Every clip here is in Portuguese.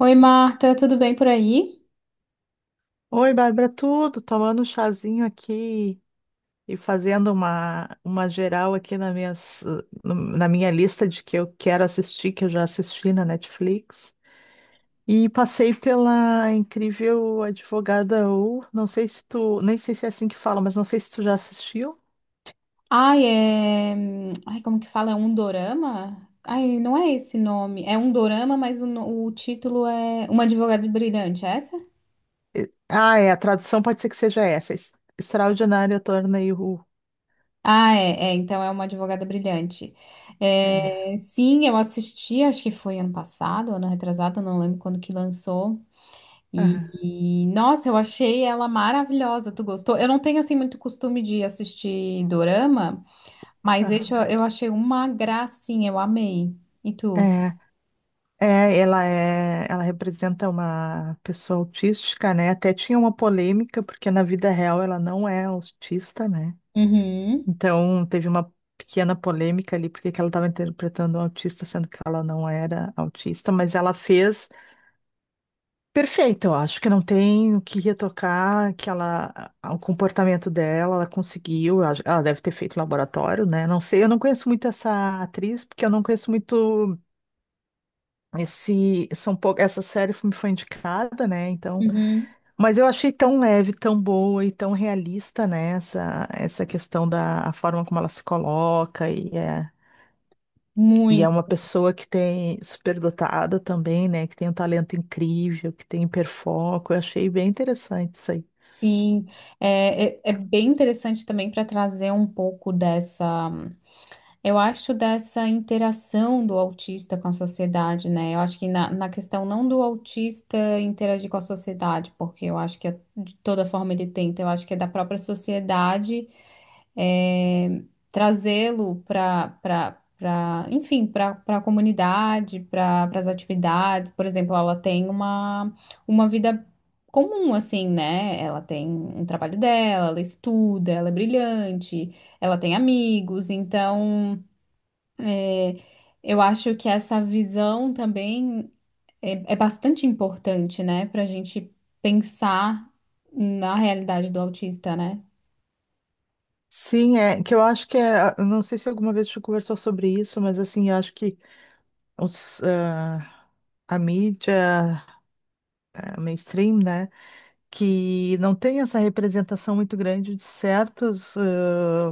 Oi, Marta, tudo bem por aí? Oi, Bárbara, tudo? Tomando um chazinho aqui e fazendo uma geral aqui na, minhas, no- na minha lista de que eu quero assistir, que eu já assisti na Netflix. E passei pela incrível Advogada U. Não sei se tu, nem sei se é assim que fala, mas não sei se tu já assistiu. Ai, é. Ai, como que fala? É um dorama? Ai, não é esse nome. É um dorama, mas o, no- o título é Uma Advogada Brilhante, é essa? Ah, é, a tradução pode ser que seja essa. Extraordinária Tornei U. Ah, é, então é Uma Advogada Brilhante. É. É, sim, eu assisti, acho que foi ano passado, ano retrasado, não lembro quando que lançou. E, Aham, nossa, eu achei ela maravilhosa. Tu gostou? Eu não tenho assim muito costume de assistir dorama. Mas esse eu, aham. eu achei uma gracinha, eu amei. E tu? É. É, ela representa uma pessoa autística, né? Até tinha uma polêmica, porque na vida real ela não é autista, né? Uhum, Então teve uma pequena polêmica ali, porque que ela estava interpretando um autista, sendo que ela não era autista, mas ela fez perfeito, eu acho que não tem o que retocar, que ela, o comportamento dela, ela conseguiu, ela deve ter feito laboratório, né? Não sei, eu não conheço muito essa atriz, porque eu não conheço muito. Essa série me foi indicada, né? Então, uhum. mas eu achei tão leve, tão boa e tão realista, né? Essa questão da a forma como ela se coloca e é uma Muito, pessoa que tem superdotada também, né? Que tem um talento incrível, que tem hiperfoco. Eu achei bem interessante isso aí. sim. É bem interessante também para trazer um pouco dessa, eu acho, dessa interação do autista com a sociedade, né? Eu acho que na questão não do autista interagir com a sociedade, porque eu acho que de toda forma ele tenta, eu acho que é da própria sociedade eh, trazê-lo para, enfim, para a comunidade, para as atividades. Por exemplo, ela tem uma vida comum, assim, né? Ela tem um trabalho dela, ela estuda, ela é brilhante, ela tem amigos, então. É, eu acho que essa visão também é bastante importante, né, para a gente pensar na realidade do autista, né? Sim, é que eu acho que é, eu não sei se alguma vez a gente conversou sobre isso, mas assim, eu acho que os, ah, a mídia, a mainstream, né? Que não tem essa representação muito grande de certas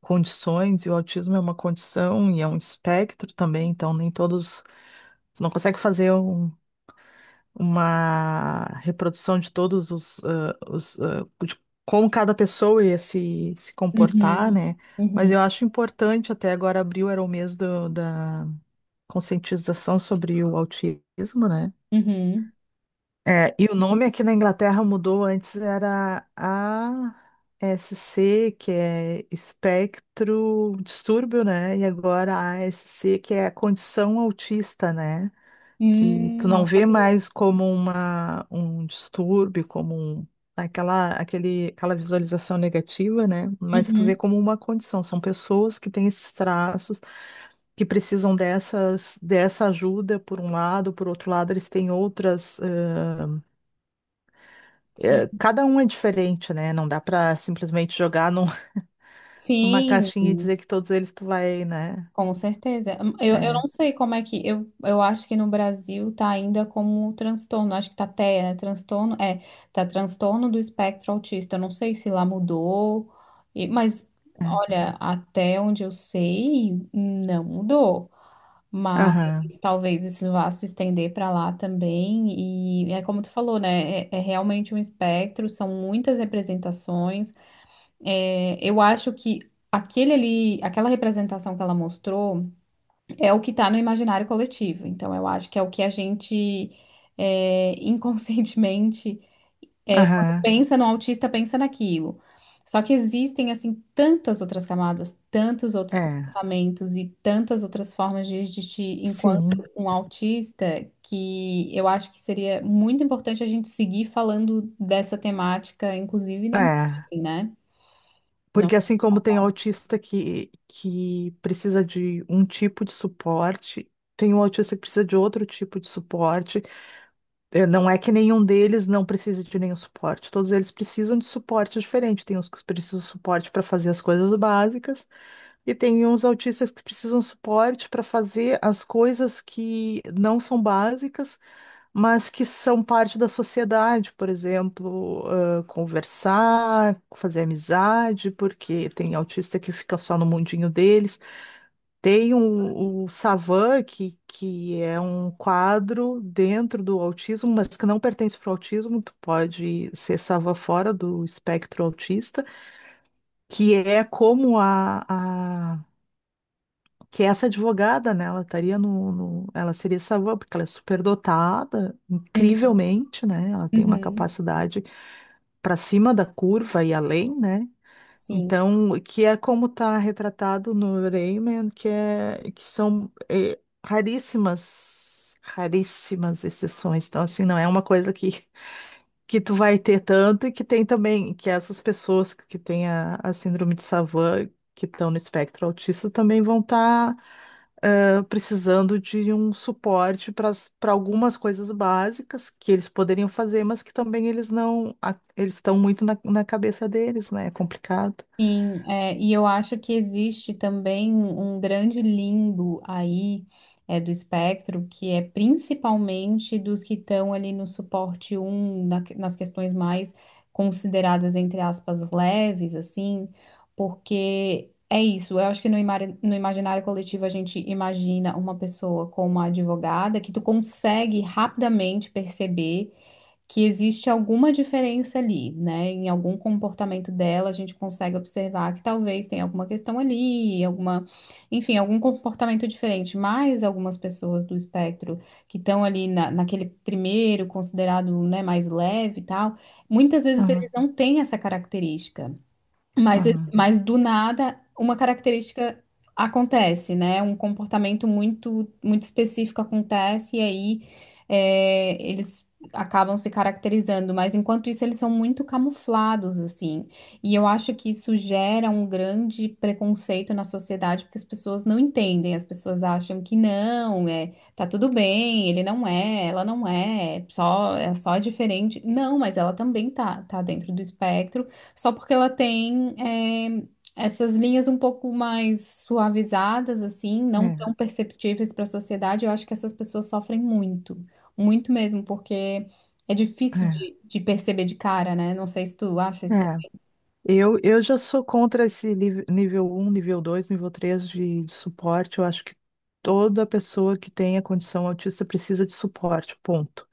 condições, e o autismo é uma condição e é um espectro também, então nem todos. Tu não consegue fazer uma reprodução de todos de como cada pessoa ia se comportar, Uhum, né? Mas uhum, eu acho importante, até agora abril era o mês da conscientização sobre o autismo, né? uhum. É, e o nome aqui na Inglaterra mudou, antes era a SC que é espectro distúrbio, né? E agora a SC que é a condição autista, né? Que tu não Não vê sabia. mais como um distúrbio, como aquela visualização negativa, né? Mas tu vê Uhum, como uma condição. São pessoas que têm esses traços que precisam dessa ajuda, por um lado, por outro lado, eles têm outras é, sim. cada um é diferente, né? Não dá pra simplesmente jogar numa Sim, caixinha e dizer que todos eles tu vai, né? com certeza. Eu É, não sei como é que. Eu acho que no Brasil tá ainda como transtorno. Acho que tá até, né? Transtorno. É, tá transtorno do espectro autista. Eu não sei se lá mudou. e- mas, é. olha, até onde eu sei, não mudou. Mas Aham, talvez isso vá se estender para lá também. E é como tu falou, né? É realmente um espectro, são muitas representações. É, eu acho que aquele ali, aquela representação que ela mostrou é o que está no imaginário coletivo. Então, eu acho que é o que a gente inconscientemente, quando aham, pensa no autista, pensa naquilo. Só que existem, assim, tantas outras camadas, tantos outros é, comportamentos e tantas outras formas de agir enquanto sim, um autista, que eu acho que seria muito importante a gente seguir falando dessa temática, inclusive na mídia, é. assim, né? Porque assim como tem autista que precisa de um tipo de suporte, tem um autista que precisa de outro tipo de suporte. É, não é que nenhum deles não precise de nenhum suporte. Todos eles precisam de suporte diferente. Tem uns que precisam de suporte para fazer as coisas básicas. E tem uns autistas que precisam suporte para fazer as coisas que não são básicas, mas que são parte da sociedade, por exemplo, conversar, fazer amizade, porque tem autista que fica só no mundinho deles. Tem o Savan, que é um quadro dentro do autismo, mas que não pertence para o autismo, tu pode ser Savan fora do espectro autista, que é como a que essa advogada, né, ela estaria ela seria savã, porque ela é superdotada, Não. incrivelmente, né, ela tem uma Uhum, capacidade para cima da curva e além, né, sim, então, que é como está retratado no Rayman, que é, que são raríssimas, raríssimas exceções, então, assim, não é uma coisa que tu vai ter tanto e que tem também, que essas pessoas que têm a síndrome de Savant, que estão no espectro autista, também vão estar precisando de um suporte para algumas coisas básicas que eles poderiam fazer, mas que também eles não, eles estão muito na cabeça deles, né? É complicado. sim, é, e eu acho que existe também um grande limbo aí, do espectro, que é principalmente dos que estão ali no suporte um nas questões mais consideradas, entre aspas, leves, assim, porque é isso, eu acho que no imaginário coletivo a gente imagina uma pessoa como uma advogada que tu consegue rapidamente perceber que existe alguma diferença ali, né? Em algum comportamento dela, a gente consegue observar que talvez tenha alguma questão ali, alguma, enfim, algum comportamento diferente. Mas algumas pessoas do espectro que estão ali na, naquele primeiro, considerado, né, mais leve e tal, muitas vezes eles Aham, não têm essa característica. Mas, aham. mas do nada, uma característica acontece, né? Um comportamento muito, muito específico acontece, e aí eles acabam se caracterizando. Mas enquanto isso, eles são muito camuflados, assim. E eu acho que isso gera um grande preconceito na sociedade, porque as pessoas não entendem, as pessoas acham que não, é, tá tudo bem, ele não é, ela não é, só, é só diferente. Não, mas ela também tá, tá dentro do espectro. Só porque ela tem essas linhas um pouco mais suavizadas, assim, não É, tão perceptíveis para a sociedade, eu acho que essas pessoas sofrem muito, muito mesmo, porque é difícil de perceber de cara, né? Não sei se tu acha é, isso. também. é. Eu já sou contra esse nível um nível 2 nível 3 de suporte. Eu acho que toda pessoa que tenha condição autista precisa de suporte, ponto.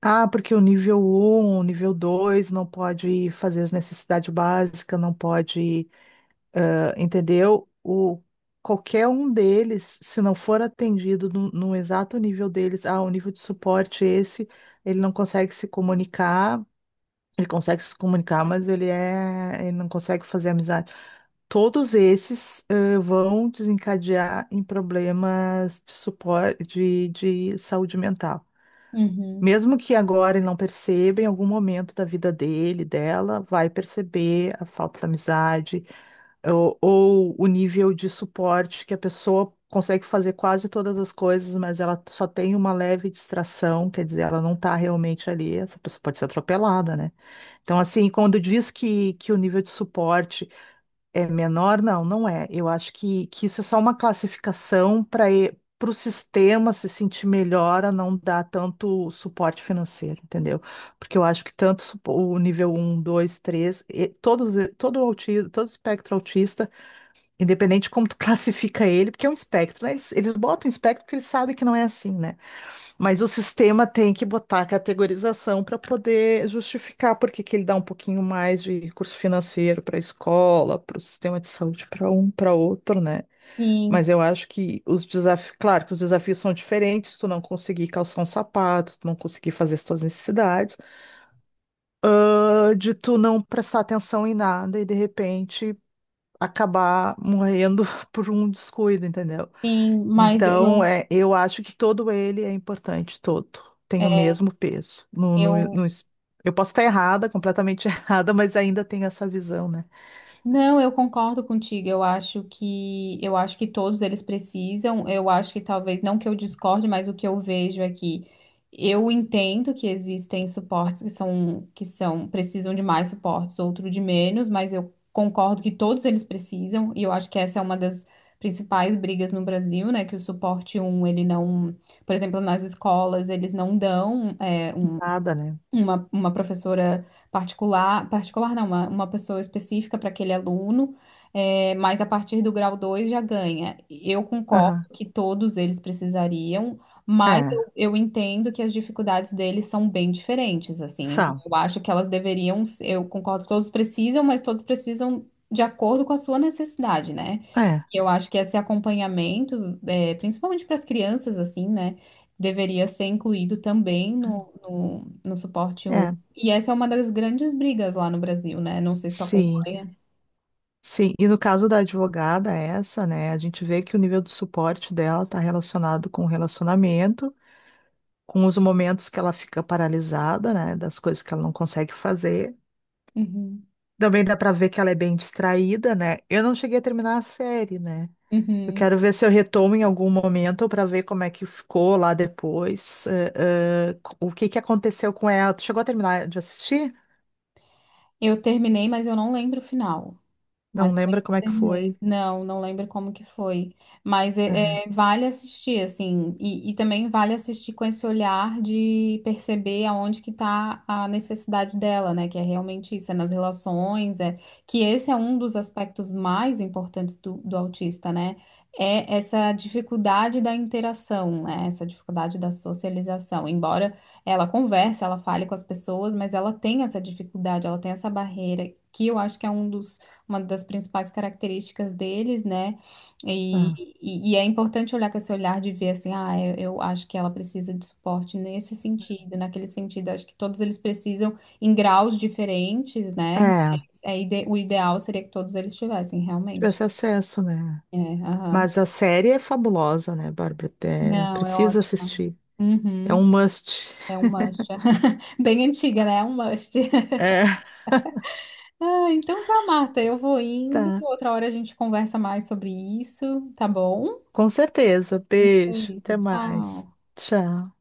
Ah, porque o nível um o nível 2 não pode fazer as necessidades básicas, não pode, entendeu? Qualquer um deles, se não for atendido no exato nível deles, o nível de suporte é esse, ele não consegue se comunicar, ele consegue se comunicar, mas ele não consegue fazer amizade. Todos esses vão desencadear em problemas de suporte, de saúde mental. Uhum. Mesmo que agora ele não perceba, em algum momento da vida dele, dela, vai perceber a falta da amizade, ou o nível de suporte que a pessoa consegue fazer quase todas as coisas, mas ela só tem uma leve distração, quer dizer, ela não está realmente ali, essa pessoa pode ser atropelada, né? Então, assim, quando diz que o nível de suporte é menor, não, não é. Eu acho que isso é só uma classificação para o sistema se sentir melhor a não dar tanto suporte financeiro, entendeu? Porque eu acho que tanto o nível um, 2, 3, e todos, todo autismo, todo espectro autista, independente de como tu classifica ele, porque é um espectro, né? Eles botam espectro porque eles sabem que não é assim, né? Mas o sistema tem que botar a categorização para poder justificar por que que ele dá um pouquinho mais de recurso financeiro para a escola, para o sistema de saúde, para um, para outro, né? Sim, Mas eu acho que os desafios, claro que os desafios são diferentes, tu não conseguir calçar um sapato, tu não conseguir fazer as tuas necessidades, de tu não prestar atenção em nada e de repente acabar morrendo por um descuido, entendeu? sim, mas Então, eu, é, eu acho que todo ele é importante, todo. Tem o é, mesmo peso. No, no, eu no es- eu posso estar errada, completamente errada, mas ainda tenho essa visão, né? Não, eu concordo contigo. Eu acho que todos eles precisam. Eu acho que talvez não que eu discorde, mas o que eu vejo é que eu entendo que existem suportes que são precisam de mais suportes, outro de menos, mas eu concordo que todos eles precisam e eu acho que essa é uma das principais brigas no Brasil, né? Que o suporte um ele não, por exemplo, nas escolas, eles não dão Nada, né? Uma professora particular, particular não, uma pessoa específica para aquele aluno, mas a partir do grau 2 já ganha. Eu concordo Aham. que todos eles precisariam, mas É, eu entendo que as dificuldades deles são bem diferentes, assim. Então, são. eu acho que elas deveriam, eu concordo que todos precisam, mas todos precisam de acordo com a sua necessidade, né? É, E eu acho que esse acompanhamento, é, principalmente para as crianças, assim, né, deveria ser incluído também no suporte é. um. É. E essa é uma das grandes brigas lá no Brasil, né? Não sei se tu Sim, acompanha. sim. E no caso da advogada, é essa, né? A gente vê que o nível de suporte dela está relacionado com o relacionamento, com os momentos que ela fica paralisada, né? Das coisas que ela não consegue fazer. Uhum, Também dá pra ver que ela é bem distraída, né? Eu não cheguei a terminar a série, né? Eu uhum. quero ver se eu retomo em algum momento pra ver como é que ficou lá depois, o que que aconteceu com ela. Tu chegou a terminar de assistir? Eu terminei, mas eu não lembro o final. Não Mas eu lembra lembro como que é que terminei. foi? Não, não lembro como que foi. Mas Aham. é, vale assistir, assim, e também vale assistir com esse olhar de perceber aonde que tá a necessidade dela, né? Que é realmente isso, é nas relações, que esse é um dos aspectos mais importantes do, do autista, né? É essa dificuldade da interação, né? Essa dificuldade da socialização. Embora ela converse, ela fale com as pessoas, mas ela tem essa dificuldade, ela tem essa barreira, que eu acho que é um dos uma das principais características deles, né? E, Ah. e é importante olhar com esse olhar de ver assim, ah, eu acho que ela precisa de suporte nesse sentido, naquele sentido, acho que todos eles precisam em graus diferentes, né? Mas É, é o ideal seria que todos eles tivessem, realmente. tivesse acesso, né? É, aham. Mas a série é fabulosa, né, Bárbara? É, Não, é precisa ótimo. assistir. É Uhum. um must. É um must. Bem antiga, né? É um must. É, Ah, então tá, Marta, eu vou indo. tá. Outra hora a gente conversa mais sobre isso, tá bom? Com certeza. Beijo. Beijo, Até mais. tchau. Tchau.